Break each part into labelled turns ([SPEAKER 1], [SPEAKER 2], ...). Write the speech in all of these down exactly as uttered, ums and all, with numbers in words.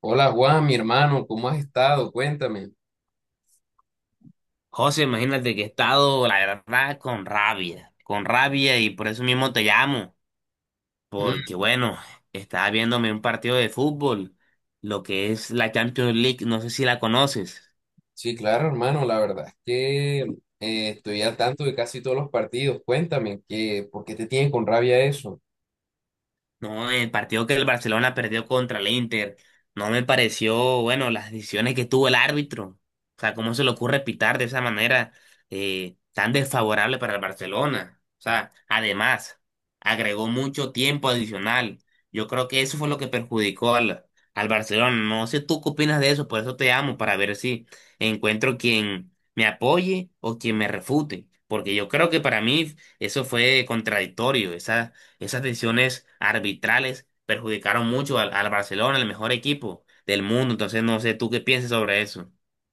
[SPEAKER 1] Hola Juan, mi hermano, ¿cómo has estado? Cuéntame.
[SPEAKER 2] José, imagínate que he estado, la verdad, con rabia, con rabia y por eso mismo te llamo,
[SPEAKER 1] Mm,
[SPEAKER 2] porque bueno, estaba viéndome un partido de fútbol, lo que es la Champions League, no sé si la conoces.
[SPEAKER 1] sí, claro, hermano, la verdad es que eh, estoy al tanto de casi todos los partidos. Cuéntame, ¿qué, por qué te tienen con rabia eso?
[SPEAKER 2] No, el partido que el Barcelona perdió contra el Inter, no me pareció, bueno, las decisiones que tuvo el árbitro. O sea, ¿cómo se le ocurre pitar de esa manera eh, tan desfavorable para el Barcelona? O sea, además, agregó mucho tiempo adicional. Yo creo que eso fue lo que perjudicó al, al Barcelona. No sé tú qué opinas de eso, por eso te amo, para ver si encuentro quien me apoye o quien me refute. Porque yo creo que para mí eso fue contradictorio, esa esas decisiones arbitrales perjudicaron mucho al, al Barcelona, el mejor equipo del mundo. Entonces, no sé tú qué piensas sobre eso.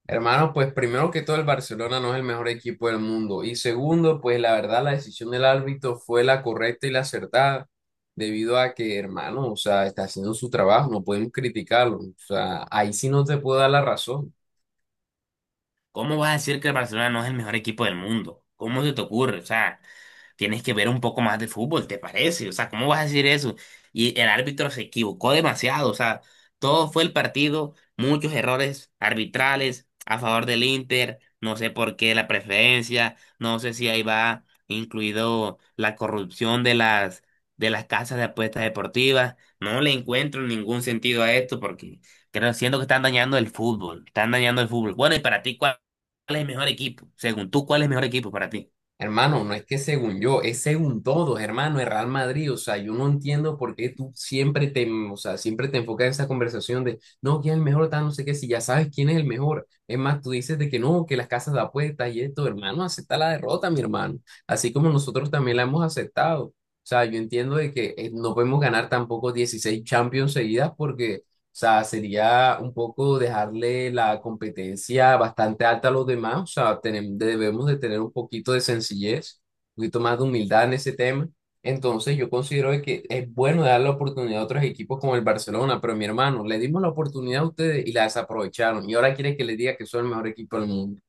[SPEAKER 1] Hermano, pues primero que todo el Barcelona no es el mejor equipo del mundo. Y segundo, pues la verdad la decisión del árbitro fue la correcta y la acertada, debido a que, hermano, o sea, está haciendo su trabajo, no podemos criticarlo. O sea, ahí sí no te puedo dar la razón.
[SPEAKER 2] ¿Cómo vas a decir que el Barcelona no es el mejor equipo del mundo? ¿Cómo se te ocurre? O sea, tienes que ver un poco más de fútbol, ¿te parece? O sea, ¿cómo vas a decir eso? Y el árbitro se equivocó demasiado, o sea, todo fue el partido, muchos errores arbitrales a favor del Inter, no sé por qué la preferencia, no sé si ahí va incluido la corrupción de las de las casas de apuestas deportivas, no le encuentro ningún sentido a esto porque creo, siento que están dañando el fútbol, están dañando el fútbol. Bueno, y para ti, ¿cuál es el mejor equipo? Según tú, ¿cuál es el mejor equipo para ti?
[SPEAKER 1] Hermano, no es que según yo, es según todos, hermano, el Real Madrid. O sea, yo no entiendo por qué tú siempre te, o sea, siempre te enfocas en esa conversación de, no, quién es el mejor, tal, no sé qué, si ya sabes quién es el mejor. Es más, tú dices de que no, que las casas de apuestas y esto, hermano, acepta la derrota, mi hermano. Así como nosotros también la hemos aceptado. O sea, yo entiendo de que eh, no podemos ganar tampoco dieciséis Champions seguidas porque o sea, sería un poco dejarle la competencia bastante alta a los demás. O sea, tenem- debemos de tener un poquito de sencillez, un poquito más de humildad en ese tema. Entonces, yo considero de que es bueno dar la oportunidad a otros equipos como el Barcelona, pero mi hermano, le dimos la oportunidad a ustedes y la desaprovecharon. Y ahora quiere que le diga que son el mejor equipo del mundo.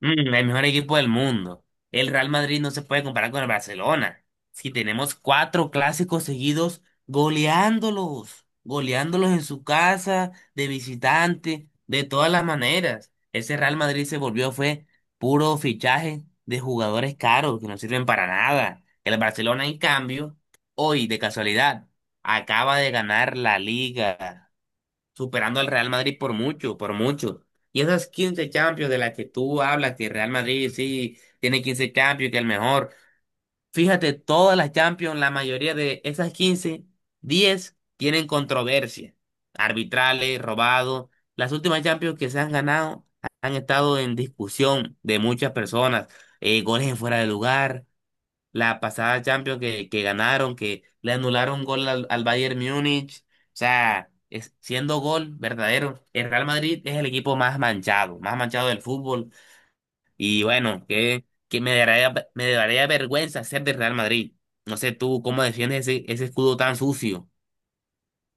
[SPEAKER 2] Mm, el mejor equipo del mundo. El Real Madrid no se puede comparar con el Barcelona. Si tenemos cuatro clásicos seguidos goleándolos, goleándolos en su casa, de visitante, de todas las maneras. Ese Real Madrid se volvió, fue puro fichaje de jugadores caros que no sirven para nada. El Barcelona, en cambio, hoy, de casualidad, acaba de ganar la Liga superando al Real Madrid por mucho, por mucho. Y esas quince Champions de las que tú hablas, que Real Madrid sí tiene quince Champions, que es el mejor. Fíjate, todas las Champions, la mayoría de esas quince, diez tienen controversia. Arbitrales, robados. Las últimas Champions que se han ganado han estado en discusión de muchas personas. Eh, goles en fuera de lugar, la pasada Champions que, que ganaron, que le anularon gol al, al Bayern Múnich. O sea, es- siendo gol verdadero, el Real Madrid es el equipo más manchado, más manchado del fútbol. Y bueno, que, que me daría, me daría vergüenza ser del Real Madrid. No sé tú cómo defiendes ese, ese escudo tan sucio.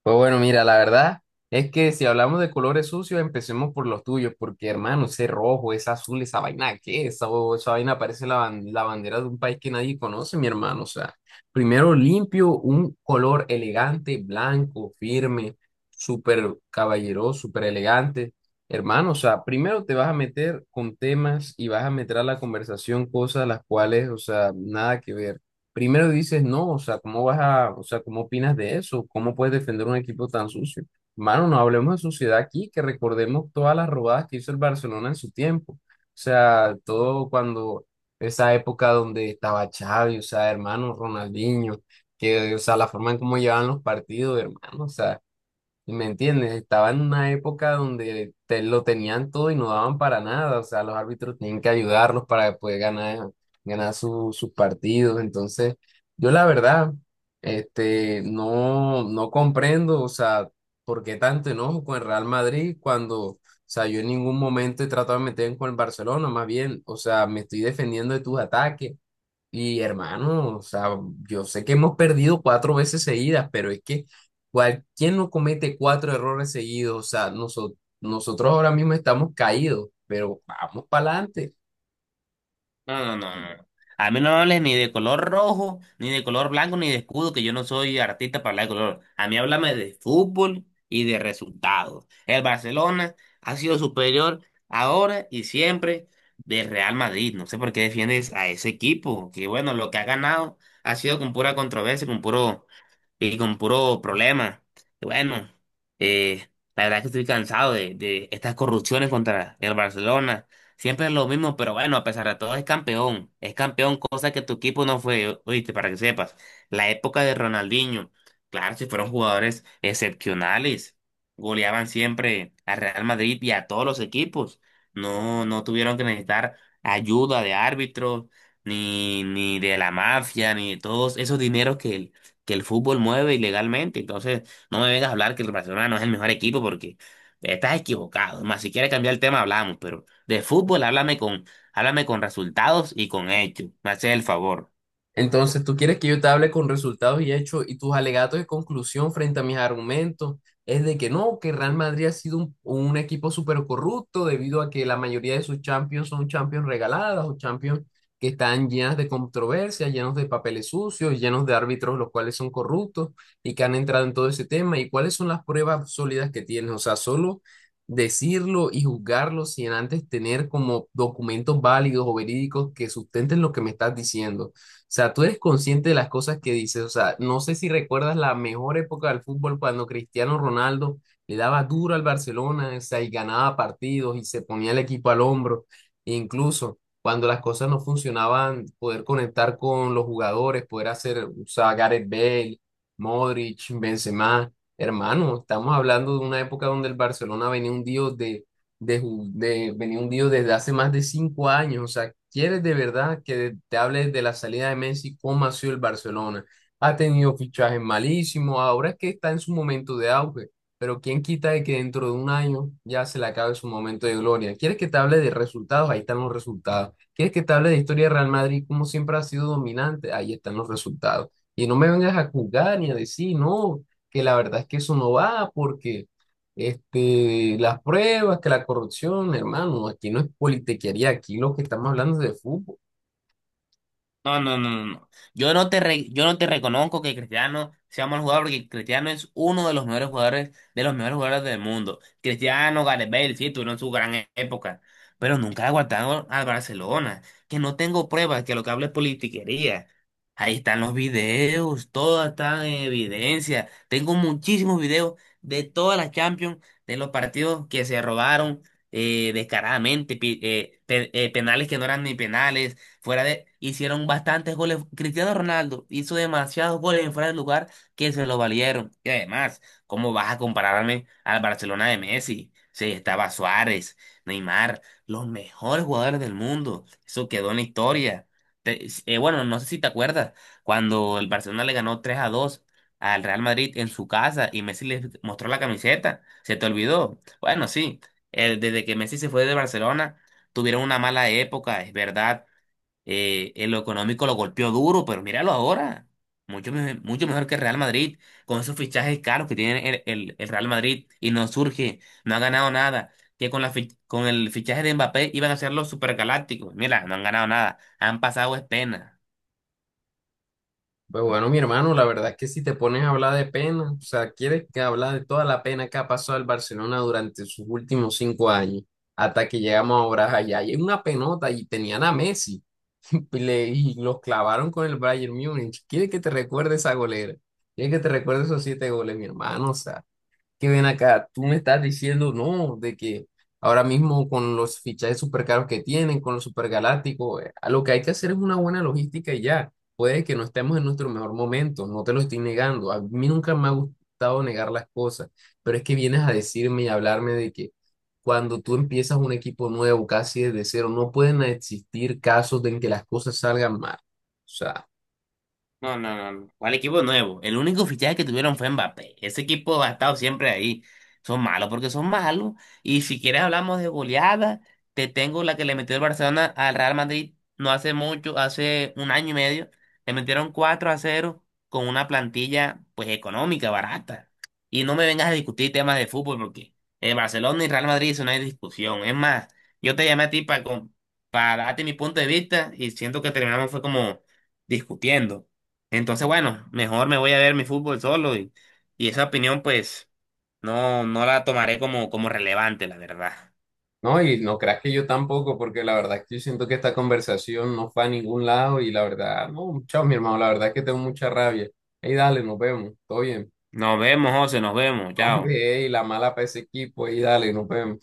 [SPEAKER 1] Pues bueno, mira, la verdad es que si hablamos de colores sucios, empecemos por los tuyos, porque hermano, ese rojo, ese azul, esa vaina, ¿qué es? Esa, esa vaina parece la, ban- la bandera de un país que nadie conoce, mi hermano. O sea, primero limpio, un color elegante, blanco, firme, súper caballeroso, súper elegante. Hermano, o sea, primero te vas a meter con temas y vas a meter a la conversación cosas las cuales, o sea, nada que ver. Primero dices, no, o sea, ¿cómo vas a, o sea, cómo opinas de eso? ¿Cómo puedes defender un equipo tan sucio? Mano, no hablemos de suciedad aquí, que recordemos todas las robadas que hizo el Barcelona en su tiempo. O sea, todo cuando esa época donde estaba Xavi, o sea, hermano Ronaldinho, que, o sea, la forma en cómo llevaban los partidos, hermano, o sea. ¿Me entiendes? Estaba en una época donde te lo tenían todo y no daban para nada. O sea, los árbitros tenían que ayudarlos para poder ganar, ganar su- sus partidos. Entonces, yo la verdad, este, no, no comprendo, o sea, por qué tanto enojo con el Real Madrid cuando, o sea, yo en ningún momento he tratado de meterme con el Barcelona, más bien, o sea, me estoy defendiendo de tus ataques. Y hermano, o sea, yo sé que hemos perdido cuatro veces seguidas, pero es que cual, ¿quién no comete cuatro errores seguidos? O sea, noso- nosotros ahora mismo estamos caídos, pero vamos para adelante.
[SPEAKER 2] No, no, no, no, no. A mí no me hables ni de color rojo, ni de color blanco, ni de escudo, que yo no soy artista para hablar de color. A mí háblame de fútbol y de resultados. El Barcelona ha sido superior ahora y siempre del Real Madrid. No sé por qué defiendes a ese equipo, que bueno, lo que ha ganado ha sido con pura controversia, con puro y con puro problema. Y bueno, eh, la verdad es que estoy cansado de, de estas corrupciones contra el Barcelona. Siempre es lo mismo, pero bueno, a pesar de todo es campeón. Es campeón, cosa que tu equipo no fue, oíste, para que sepas. La época de Ronaldinho, claro, si fueron jugadores excepcionales. Goleaban siempre a Real Madrid y a todos los equipos. No, no tuvieron que necesitar ayuda de árbitros, ni, ni de la mafia, ni de todos esos dineros que el, que el fútbol mueve ilegalmente. Entonces, no me vengas a hablar que el Barcelona no es el mejor equipo porque estás equivocado. Más si quieres cambiar el tema, hablamos, pero. De fútbol, háblame con, háblame con resultados y con hechos. Me haces el favor.
[SPEAKER 1] Entonces, tú quieres que yo te hable con resultados y hechos y tus alegatos de conclusión frente a mis argumentos es de que no, que Real Madrid ha sido un, un equipo súper corrupto debido a que la mayoría de sus champions son champions regaladas o champions que están llenas de controversias, llenos de papeles sucios, llenos de árbitros los cuales son corruptos y que han entrado en todo ese tema. ¿Y cuáles son las pruebas sólidas que tienes? O sea, solo decirlo y juzgarlo sin antes tener como documentos válidos o verídicos que sustenten lo que me estás diciendo sea, tú eres consciente de las cosas que dices. O sea, no sé si recuerdas la mejor época del fútbol cuando Cristiano Ronaldo le daba duro al Barcelona, o sea, y ganaba partidos y se ponía el equipo al hombro. E incluso cuando las cosas no funcionaban, poder conectar con los jugadores, poder hacer, o sea, Gareth Bale, Modric, Benzema. Hermano, estamos hablando de una época donde el Barcelona venía hundido de de, ju- de venir hundido desde hace más de cinco años. O sea, ¿quieres de verdad que te hables de la salida de Messi? ¿Cómo ha sido el Barcelona? Ha tenido fichajes malísimos, ahora es que está en su momento de auge, pero ¿quién quita de que dentro de un año ya se le acabe su momento de gloria? ¿Quieres que te hable de resultados? Ahí están los resultados. ¿Quieres que te hable de historia de Real Madrid? Como siempre ha sido dominante, ahí están los resultados. Y no me vengas a juzgar ni a decir, no, que la verdad es que eso no va porque... Este, las pruebas, que la corrupción, hermano, aquí no es politiquería, aquí lo que estamos hablando es de fútbol.
[SPEAKER 2] No, no, no, no, no. Yo no te re- yo no te reconozco que Cristiano sea mal jugador porque Cristiano es uno de los mejores jugadores, de los mejores jugadores del mundo. Cristiano, Gareth Bale, sí, tuvieron su gran e- época, pero nunca aguantaron al Barcelona. Que no tengo pruebas, que lo que hablo es politiquería. Ahí están los videos, todo está en evidencia. Tengo muchísimos videos de todas las Champions, de los partidos que se robaron eh, descaradamente, pi- eh, pe- eh, penales que no eran ni penales. Fuera de, hicieron bastantes goles. Cristiano Ronaldo hizo demasiados goles en fuera de lugar que se lo valieron. Y además, ¿cómo vas a compararme al Barcelona de Messi? Sí, estaba Suárez, Neymar, los mejores jugadores del mundo. Eso quedó en la historia. Te- eh, bueno, no sé si te acuerdas, cuando el Barcelona le ganó tres a dos al Real Madrid en su casa y Messi le mostró la camiseta, ¿se te olvidó? Bueno, sí, eh, desde que Messi se fue de Barcelona, tuvieron una mala época, es verdad. Eh, en lo económico lo golpeó duro, pero míralo ahora. Mucho, me- mucho mejor que el Real Madrid, con esos fichajes caros que tiene el, el- el Real Madrid y no surge, no ha ganado nada. Que con, la fi- con el fichaje de Mbappé iban a ser los supergalácticos. Mira, no han ganado nada. Han pasado es pena.
[SPEAKER 1] Pues bueno, mi hermano, la verdad es que si te pones a hablar de pena, o sea, quieres que hablar de toda la pena que ha pasado el Barcelona durante sus últimos cinco años, hasta que llegamos ahora allá, y es una penota y tenían a Messi y, le- y los clavaron con el Bayern Múnich. ¿Quieres que te recuerde esa golera? ¿Quieres que te recuerde esos siete goles, mi hermano? O sea, que ven acá, tú me estás diciendo, no, de que ahora mismo con los fichajes super caros que tienen, con los supergalácticos, eh, a lo que hay que hacer es una buena logística y ya. Puede que no estemos en nuestro mejor momento, no te lo estoy negando. A mí nunca me ha gustado negar las cosas, pero es que vienes a decirme y hablarme de que cuando tú empiezas un equipo nuevo, casi desde cero, no pueden existir casos en que las cosas salgan mal. O sea,
[SPEAKER 2] No, no, no, no. ¿Cuál equipo nuevo? El único fichaje que tuvieron fue Mbappé. Ese equipo ha estado siempre ahí. Son malos porque son malos. Y si quieres hablamos de goleada, te tengo la que le metió el Barcelona al Real Madrid no hace mucho, hace un año y medio. Le metieron cuatro a cero con una plantilla pues económica, barata. Y no me vengas a discutir temas de fútbol porque el Barcelona y Real Madrid eso no hay discusión. Es más, yo te llamé a ti para, para darte mi punto de vista y siento que terminamos fue como discutiendo. Entonces, bueno, mejor me voy a ver mi fútbol solo y, y esa opinión pues no, no la tomaré como, como relevante, la verdad.
[SPEAKER 1] no, y no creas que yo tampoco, porque la verdad es que yo siento que esta conversación no fue a ningún lado y la verdad, no, chao, mi hermano, la verdad es que tengo mucha rabia. Ey, dale, nos vemos, todo bien.
[SPEAKER 2] Nos vemos, José, nos vemos,
[SPEAKER 1] No,
[SPEAKER 2] chao.
[SPEAKER 1] hombre, ey, la mala para ese equipo, ey, dale, nos vemos.